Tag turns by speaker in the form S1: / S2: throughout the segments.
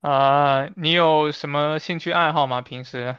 S1: 啊，你有什么兴趣爱好吗？平时。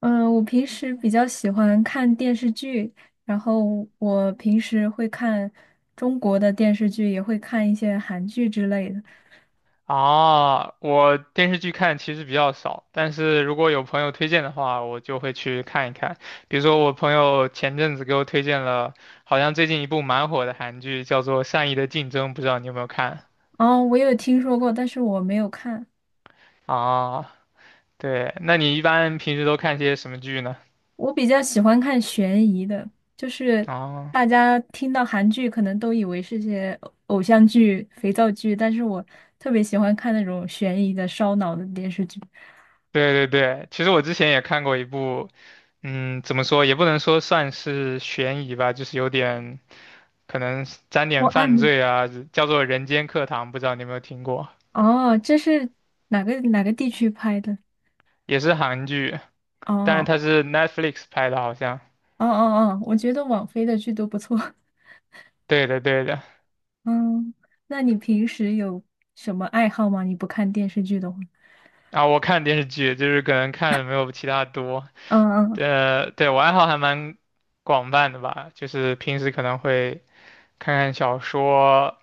S2: 嗯，我平时比较喜欢看电视剧，然后我平时会看中国的电视剧，也会看一些韩剧之类的。
S1: 啊，我电视剧看其实比较少，但是如果有朋友推荐的话，我就会去看一看。比如说，我朋友前阵子给我推荐了，好像最近一部蛮火的韩剧，叫做《善意的竞争》，不知道你有没有看？
S2: 哦，我有听说过，但是我没有看。
S1: 啊，对，那你一般平时都看些什么剧呢？
S2: 我比较喜欢看悬疑的，就是
S1: 啊，
S2: 大家听到韩剧可能都以为是些偶像剧、肥皂剧，但是我特别喜欢看那种悬疑的、烧脑的电视剧。
S1: 对对对，其实我之前也看过一部，怎么说也不能说算是悬疑吧，就是有点。可能沾
S2: 我
S1: 点
S2: 案
S1: 犯
S2: 的
S1: 罪啊，叫做《人间课堂》，不知道你有没有听过，
S2: 哦，这是哪个地区拍的？
S1: 也是韩剧，但是
S2: 哦。
S1: 它是 Netflix 拍的，好像。
S2: 哦哦哦，我觉得网飞的剧都不错。
S1: 对的，对的。
S2: 嗯，那你平时有什么爱好吗？你不看电视剧的话？
S1: 啊，我看电视剧就是可能看的没有其他多，
S2: 嗯嗯，
S1: 对，我爱好还蛮广泛的吧，就是平时可能会看看小说，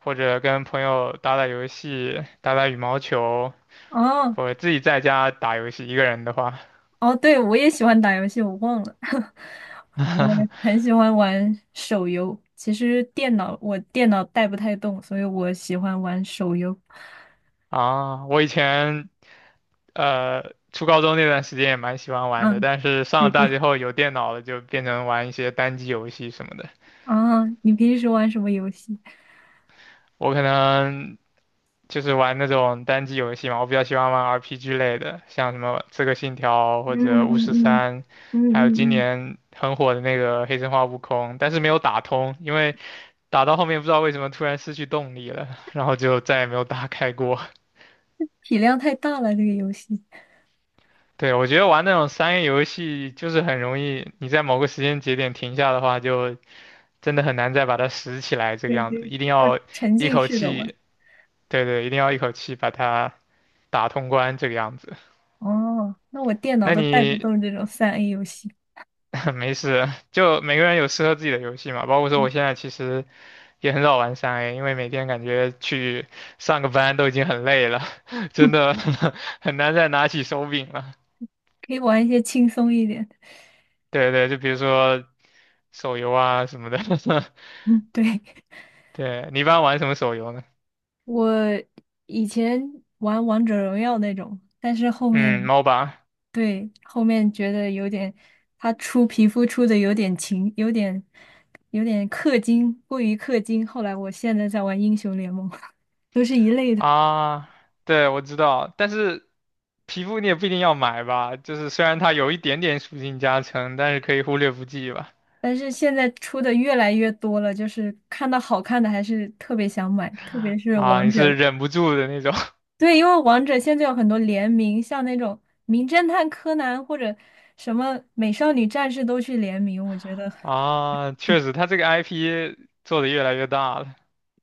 S1: 或者跟朋友打打游戏，打打羽毛球，
S2: 哦
S1: 或者自己在家打游戏，一个人的话。
S2: 哦，对，我也喜欢打游戏，我忘了。我 很喜欢玩手游，其实我电脑带不太动，所以我喜欢玩手游。
S1: 啊，我以前初高中那段时间也蛮喜欢玩的，
S2: 嗯，
S1: 但是上了
S2: 对
S1: 大
S2: 对。
S1: 学后有电脑了，就变成玩一些单机游戏什么的。
S2: 啊，你平时玩什么游戏？
S1: 我可能就是玩那种单机游戏嘛，我比较喜欢玩 RPG 类的，像什么《刺客信条》
S2: 嗯
S1: 或者
S2: 嗯
S1: 《巫师
S2: 嗯
S1: 三》，
S2: 嗯
S1: 还有今
S2: 嗯嗯，
S1: 年很火的那个《黑神话：悟空》，但是没有打通，因为打到后面不知道为什么突然失去动力了，然后就再也没有打开过。
S2: 体量太大了，这个游戏。
S1: 对，我觉得玩那种商业游戏就是很容易，你在某个时间节点停下的话就。真的很难再把它拾起来这个
S2: 对
S1: 样
S2: 对，
S1: 子，一定
S2: 要
S1: 要
S2: 沉
S1: 一
S2: 浸
S1: 口
S2: 式的玩。
S1: 气，对对，一定要一口气把它打通关这个样子。
S2: 哦，那我电脑
S1: 那
S2: 都带不
S1: 你
S2: 动这种三 A 游戏，
S1: 没事，就每个人有适合自己的游戏嘛，包括说我
S2: 嗯
S1: 现在其实也很少玩三 A，因为每天感觉去上个班都已经很累了，真的 很难再拿起手柄了。
S2: 可以玩一些轻松一点的。
S1: 对对，就比如说手游啊什么的，
S2: 嗯，对，
S1: 对，你一般玩什么手游呢？
S2: 我以前玩王者荣耀那种，但是后
S1: 嗯
S2: 面，
S1: ，MOBA。
S2: 对，后面觉得有点，他出皮肤出的有点勤，有点氪金，过于氪金。后来我现在在玩英雄联盟，都是一类的。
S1: 啊，对，我知道，但是皮肤你也不一定要买吧，就是虽然它有一点点属性加成，但是可以忽略不计吧。
S2: 但是现在出的越来越多了，就是看到好看的还是特别想买，特别是
S1: 啊，
S2: 王
S1: 你是
S2: 者。
S1: 忍不住的那种
S2: 对，因为王者现在有很多联名，像那种《名侦探柯南》或者什么《美少女战士》都去联名，我觉得
S1: 啊，
S2: 对
S1: 确实，它这个 IP 做的越来越大了，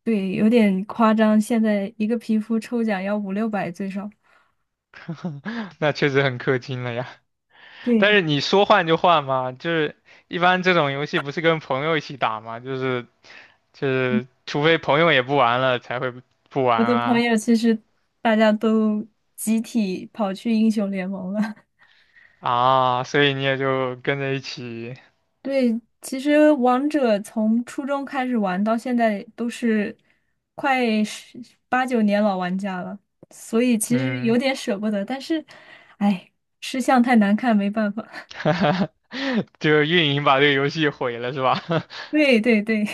S2: 对有点夸张。现在一个皮肤抽奖要五六百最少。
S1: 那确实很氪金了呀。
S2: 对，
S1: 但是你说换就换嘛，就是一般这种游戏不是跟朋友一起打嘛，就是除非朋友也不玩了才会不玩
S2: 我的朋
S1: 啊
S2: 友其实大家都集体跑去英雄联盟了。
S1: 啊，所以你也就跟着一起，
S2: 对，其实王者从初中开始玩到现在都是快十八九年老玩家了，所以其实有
S1: 嗯。
S2: 点舍不得，但是，哎，吃相太难看，没办法。
S1: 就是运营把这个游戏毁了，是吧？
S2: 对对对，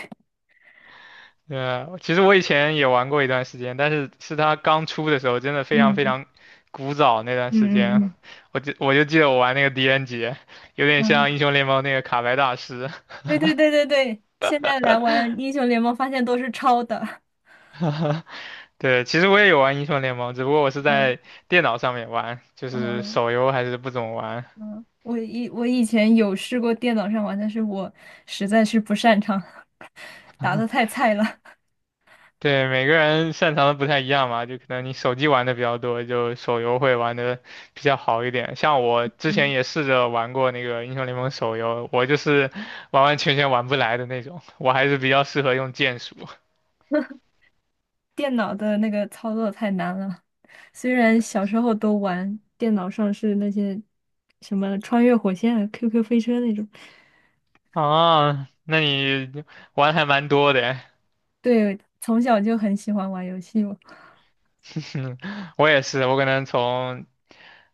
S1: 嗯，其实我以前也玩过一段时间，但是是它刚出的时候，真的非常非
S2: 嗯
S1: 常古早那段时
S2: 嗯嗯
S1: 间，
S2: 嗯，
S1: 我就记得我玩那个狄仁杰，有点
S2: 嗯，
S1: 像英雄联盟那个卡牌大师。
S2: 对对对对对，现在来玩英雄联盟，发现都是抄的。
S1: 对，其实我也有玩英雄联盟，只不过我是
S2: 嗯
S1: 在电脑上面玩，就是
S2: 嗯
S1: 手游还是不怎么玩。
S2: 嗯，我以前有试过电脑上玩，但是我实在是不擅长，打的太菜了。
S1: 对，每个人擅长的不太一样嘛，就可能你手机玩的比较多，就手游会玩的比较好一点。像我之前也试着玩过那个英雄联盟手游，我就是完完全全玩不来的那种，我还是比较适合用剑术
S2: 电脑的那个操作太难了。虽然小时候都玩，电脑上是那些什么穿越火线啊、QQ 飞车那种，
S1: 啊 那你玩还蛮多的诶，
S2: 对，从小就很喜欢玩游戏嘛。
S1: 我也是，我可能从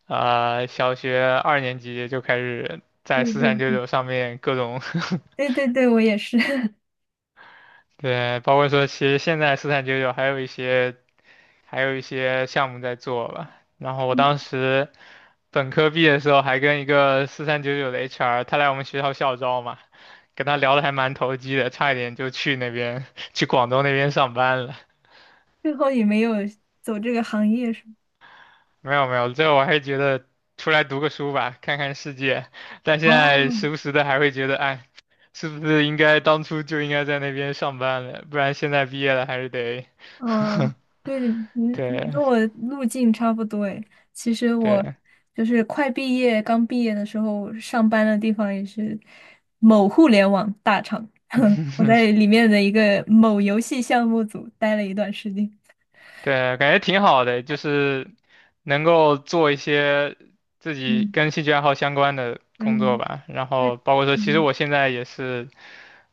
S1: 小学二年级就开始
S2: 对
S1: 在四
S2: 对
S1: 三九
S2: 对
S1: 九上面各种
S2: 对对对，我也是，
S1: 对，包括说，其实现在四三九九还有一些项目在做吧。然后我当
S2: 嗯，
S1: 时本科毕业的时候，还跟一个四三九九的 HR，他来我们学校校招嘛，跟他聊的还蛮投机的，差一点就去那边 去广东那边上班了。
S2: 最后也没有走这个行业是吗？
S1: 没有没有，最后我还是觉得出来读个书吧，看看世界。但现在
S2: 哦，
S1: 时不时的还会觉得，哎，是不是应该当初就应该在那边上班了？不然现在毕业了还是得
S2: 嗯，对，的，你 你
S1: 对，
S2: 跟我路径差不多诶。其实我
S1: 对
S2: 就是快毕业，刚毕业的时候上班的地方也是某互联网大厂，我在里面的一个某游戏项目组待了一段时间。
S1: 对，感觉挺好的，就是能够做一些自己
S2: 嗯
S1: 跟兴趣爱好相关的工作
S2: 嗯，
S1: 吧。然
S2: 呃
S1: 后包括说，其实
S2: 嗯，
S1: 我现在也是，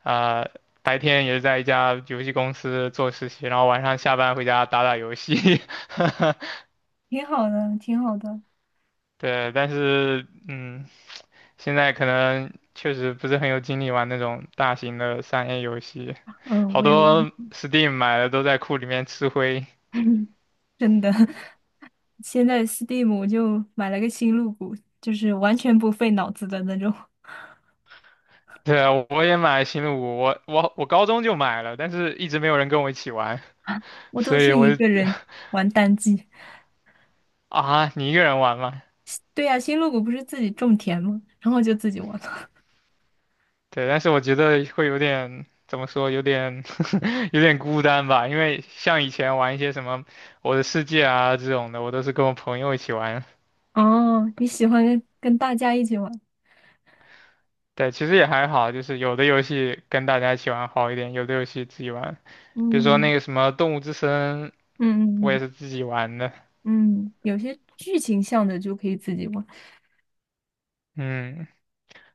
S1: 啊、白天也是在一家游戏公司做实习，然后晚上下班回家打打游戏。
S2: 挺好的，挺好的。
S1: 对，但是现在可能确实不是很有精力玩那种大型的三 A 游戏，
S2: 嗯，
S1: 好
S2: 我有，
S1: 多 Steam 买的都在库里面吃灰。
S2: 真的，现在 Steam 就买了个新入股，就是完全不费脑子的那种。
S1: 对啊，我也买星露谷，我高中就买了，但是一直没有人跟我一起玩，
S2: 我都
S1: 所以
S2: 是
S1: 我
S2: 一个
S1: 就
S2: 人玩单机。
S1: 啊，你一个人玩吗？
S2: 对呀、新露谷不是自己种田吗？然后就自己玩了。
S1: 对，但是我觉得会有点怎么说，有点 有点孤单吧，因为像以前玩一些什么我的世界啊这种的，我都是跟我朋友一起玩。
S2: 哦，你喜欢跟大家一起玩？
S1: 对，其实也还好，就是有的游戏跟大家一起玩好一点，有的游戏自己玩，比如说
S2: 嗯
S1: 那个什么《动物之森》，我
S2: 嗯
S1: 也
S2: 嗯
S1: 是自己玩的。
S2: 嗯，嗯有些剧情向的就可以自己玩，
S1: 嗯，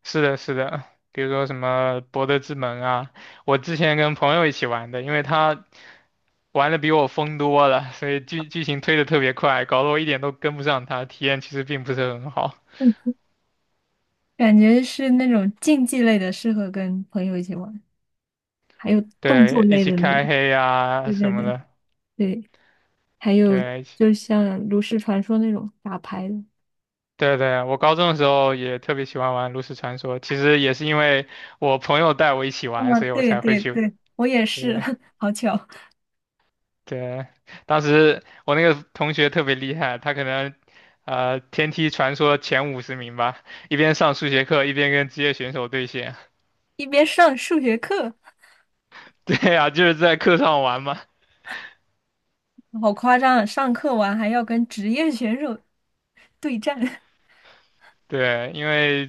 S1: 是的，是的，比如说什么博德之门啊，我之前跟朋友一起玩的，因为他玩的比我疯多了，所以剧情推的特别快，搞得我一点都跟不上他，体验其实并不是很好。
S2: 嗯，感觉是那种竞技类的适合跟朋友一起玩，还有动作
S1: 对，一
S2: 类
S1: 起
S2: 的那种。
S1: 开黑啊
S2: 对
S1: 什
S2: 对
S1: 么
S2: 对
S1: 的，
S2: 对，还有
S1: 对，一起
S2: 就像炉石传说那种打牌的。
S1: 对对，我高中的时候也特别喜欢玩炉石传说，其实也是因为我朋友带我一起
S2: 啊，
S1: 玩，所以我
S2: 对
S1: 才会
S2: 对
S1: 去。
S2: 对，我也是，
S1: 对，
S2: 好巧，
S1: 对，当时我那个同学特别厉害，他可能天梯传说前50名吧，一边上数学课一边跟职业选手对线。
S2: 一边上数学课。
S1: 对呀、就是在课上玩嘛。
S2: 好夸张啊！上课完还要跟职业选手对战，
S1: 对，因为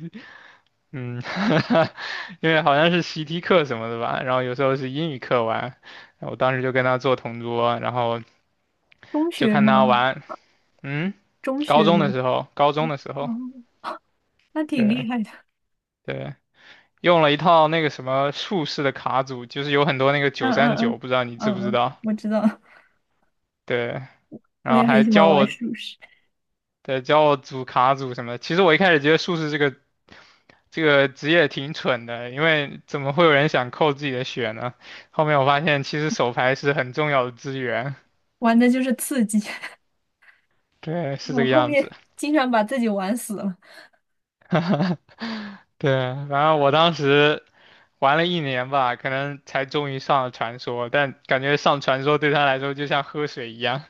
S1: 嗯，因为好像是习题课什么的吧，然后有时候是英语课玩，我当时就跟他做同桌，然后
S2: 中
S1: 就
S2: 学
S1: 看
S2: 吗？
S1: 他玩。嗯，
S2: 中
S1: 高
S2: 学
S1: 中的
S2: 吗？
S1: 时候，高中的时候，
S2: 哦，那挺厉
S1: 对
S2: 害的。
S1: 对。用了一套那个什么术士的卡组，就是有很多那个
S2: 嗯
S1: 九
S2: 嗯
S1: 三
S2: 嗯
S1: 九，不知道你知不
S2: 嗯，
S1: 知
S2: 嗯，
S1: 道？
S2: 我知道，
S1: 对，然
S2: 我
S1: 后
S2: 也很
S1: 还
S2: 喜欢
S1: 教
S2: 玩
S1: 我，
S2: 术士，
S1: 对，教我组卡组什么的。其实我一开始觉得术士这个职业挺蠢的，因为怎么会有人想扣自己的血呢？后面我发现其实手牌是很重要的资源，
S2: 玩的就是刺激。
S1: 对，是这
S2: 我
S1: 个
S2: 后
S1: 样子。
S2: 面经常把自己玩死了，
S1: 对，然后我当时玩了一年吧，可能才终于上了传说，但感觉上传说对他来说就像喝水一样。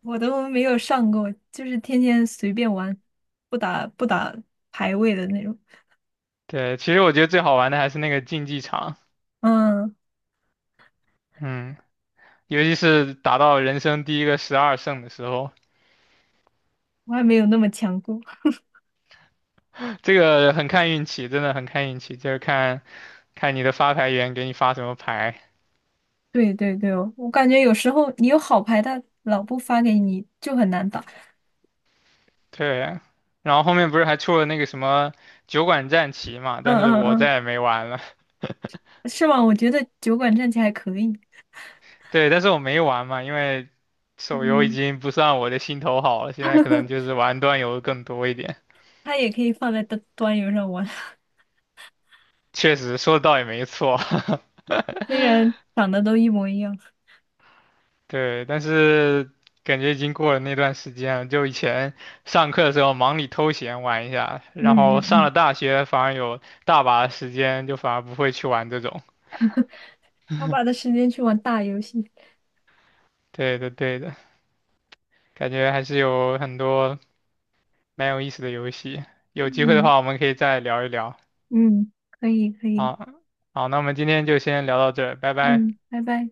S2: 我都没有上过，就是天天随便玩，不打排位的那种。
S1: 对，其实我觉得最好玩的还是那个竞技场。
S2: 嗯，
S1: 嗯，尤其是打到人生第一个12胜的时候，
S2: 我还没有那么强过。
S1: 这个很看运气，真的很看运气，就是看看你的发牌员给你发什么牌。
S2: 对对对哦，我感觉有时候你有好牌，他老不发给你，就很难打。
S1: 对，然后后面不是还出了那个什么酒馆战旗嘛，
S2: 嗯
S1: 但是我
S2: 嗯
S1: 再也没玩了。
S2: 嗯，是吗？我觉得酒馆战棋还可以，
S1: 对，但是我没玩嘛，因为手游已
S2: 嗯，
S1: 经不算我的心头好了，现在可能就 是玩端游更多一点。
S2: 他也可以放在端游上玩，
S1: 确实说的倒也没错，
S2: 虽然长得都一模一样。
S1: 对，但是感觉已经过了那段时间了。就以前上课的时候忙里偷闲玩一下，然
S2: 嗯
S1: 后
S2: 嗯
S1: 上
S2: 嗯，
S1: 了大学反而有大把的时间，就反而不会去玩这种。
S2: 他把的时间去玩大游戏。
S1: 对的，对的，感觉还是有很多蛮有意思的游戏。有机会的
S2: 嗯
S1: 话，我们可以再聊一聊。
S2: 嗯，可以可以，
S1: 好，好，那我们今天就先聊到这儿，拜拜。
S2: 嗯，拜拜。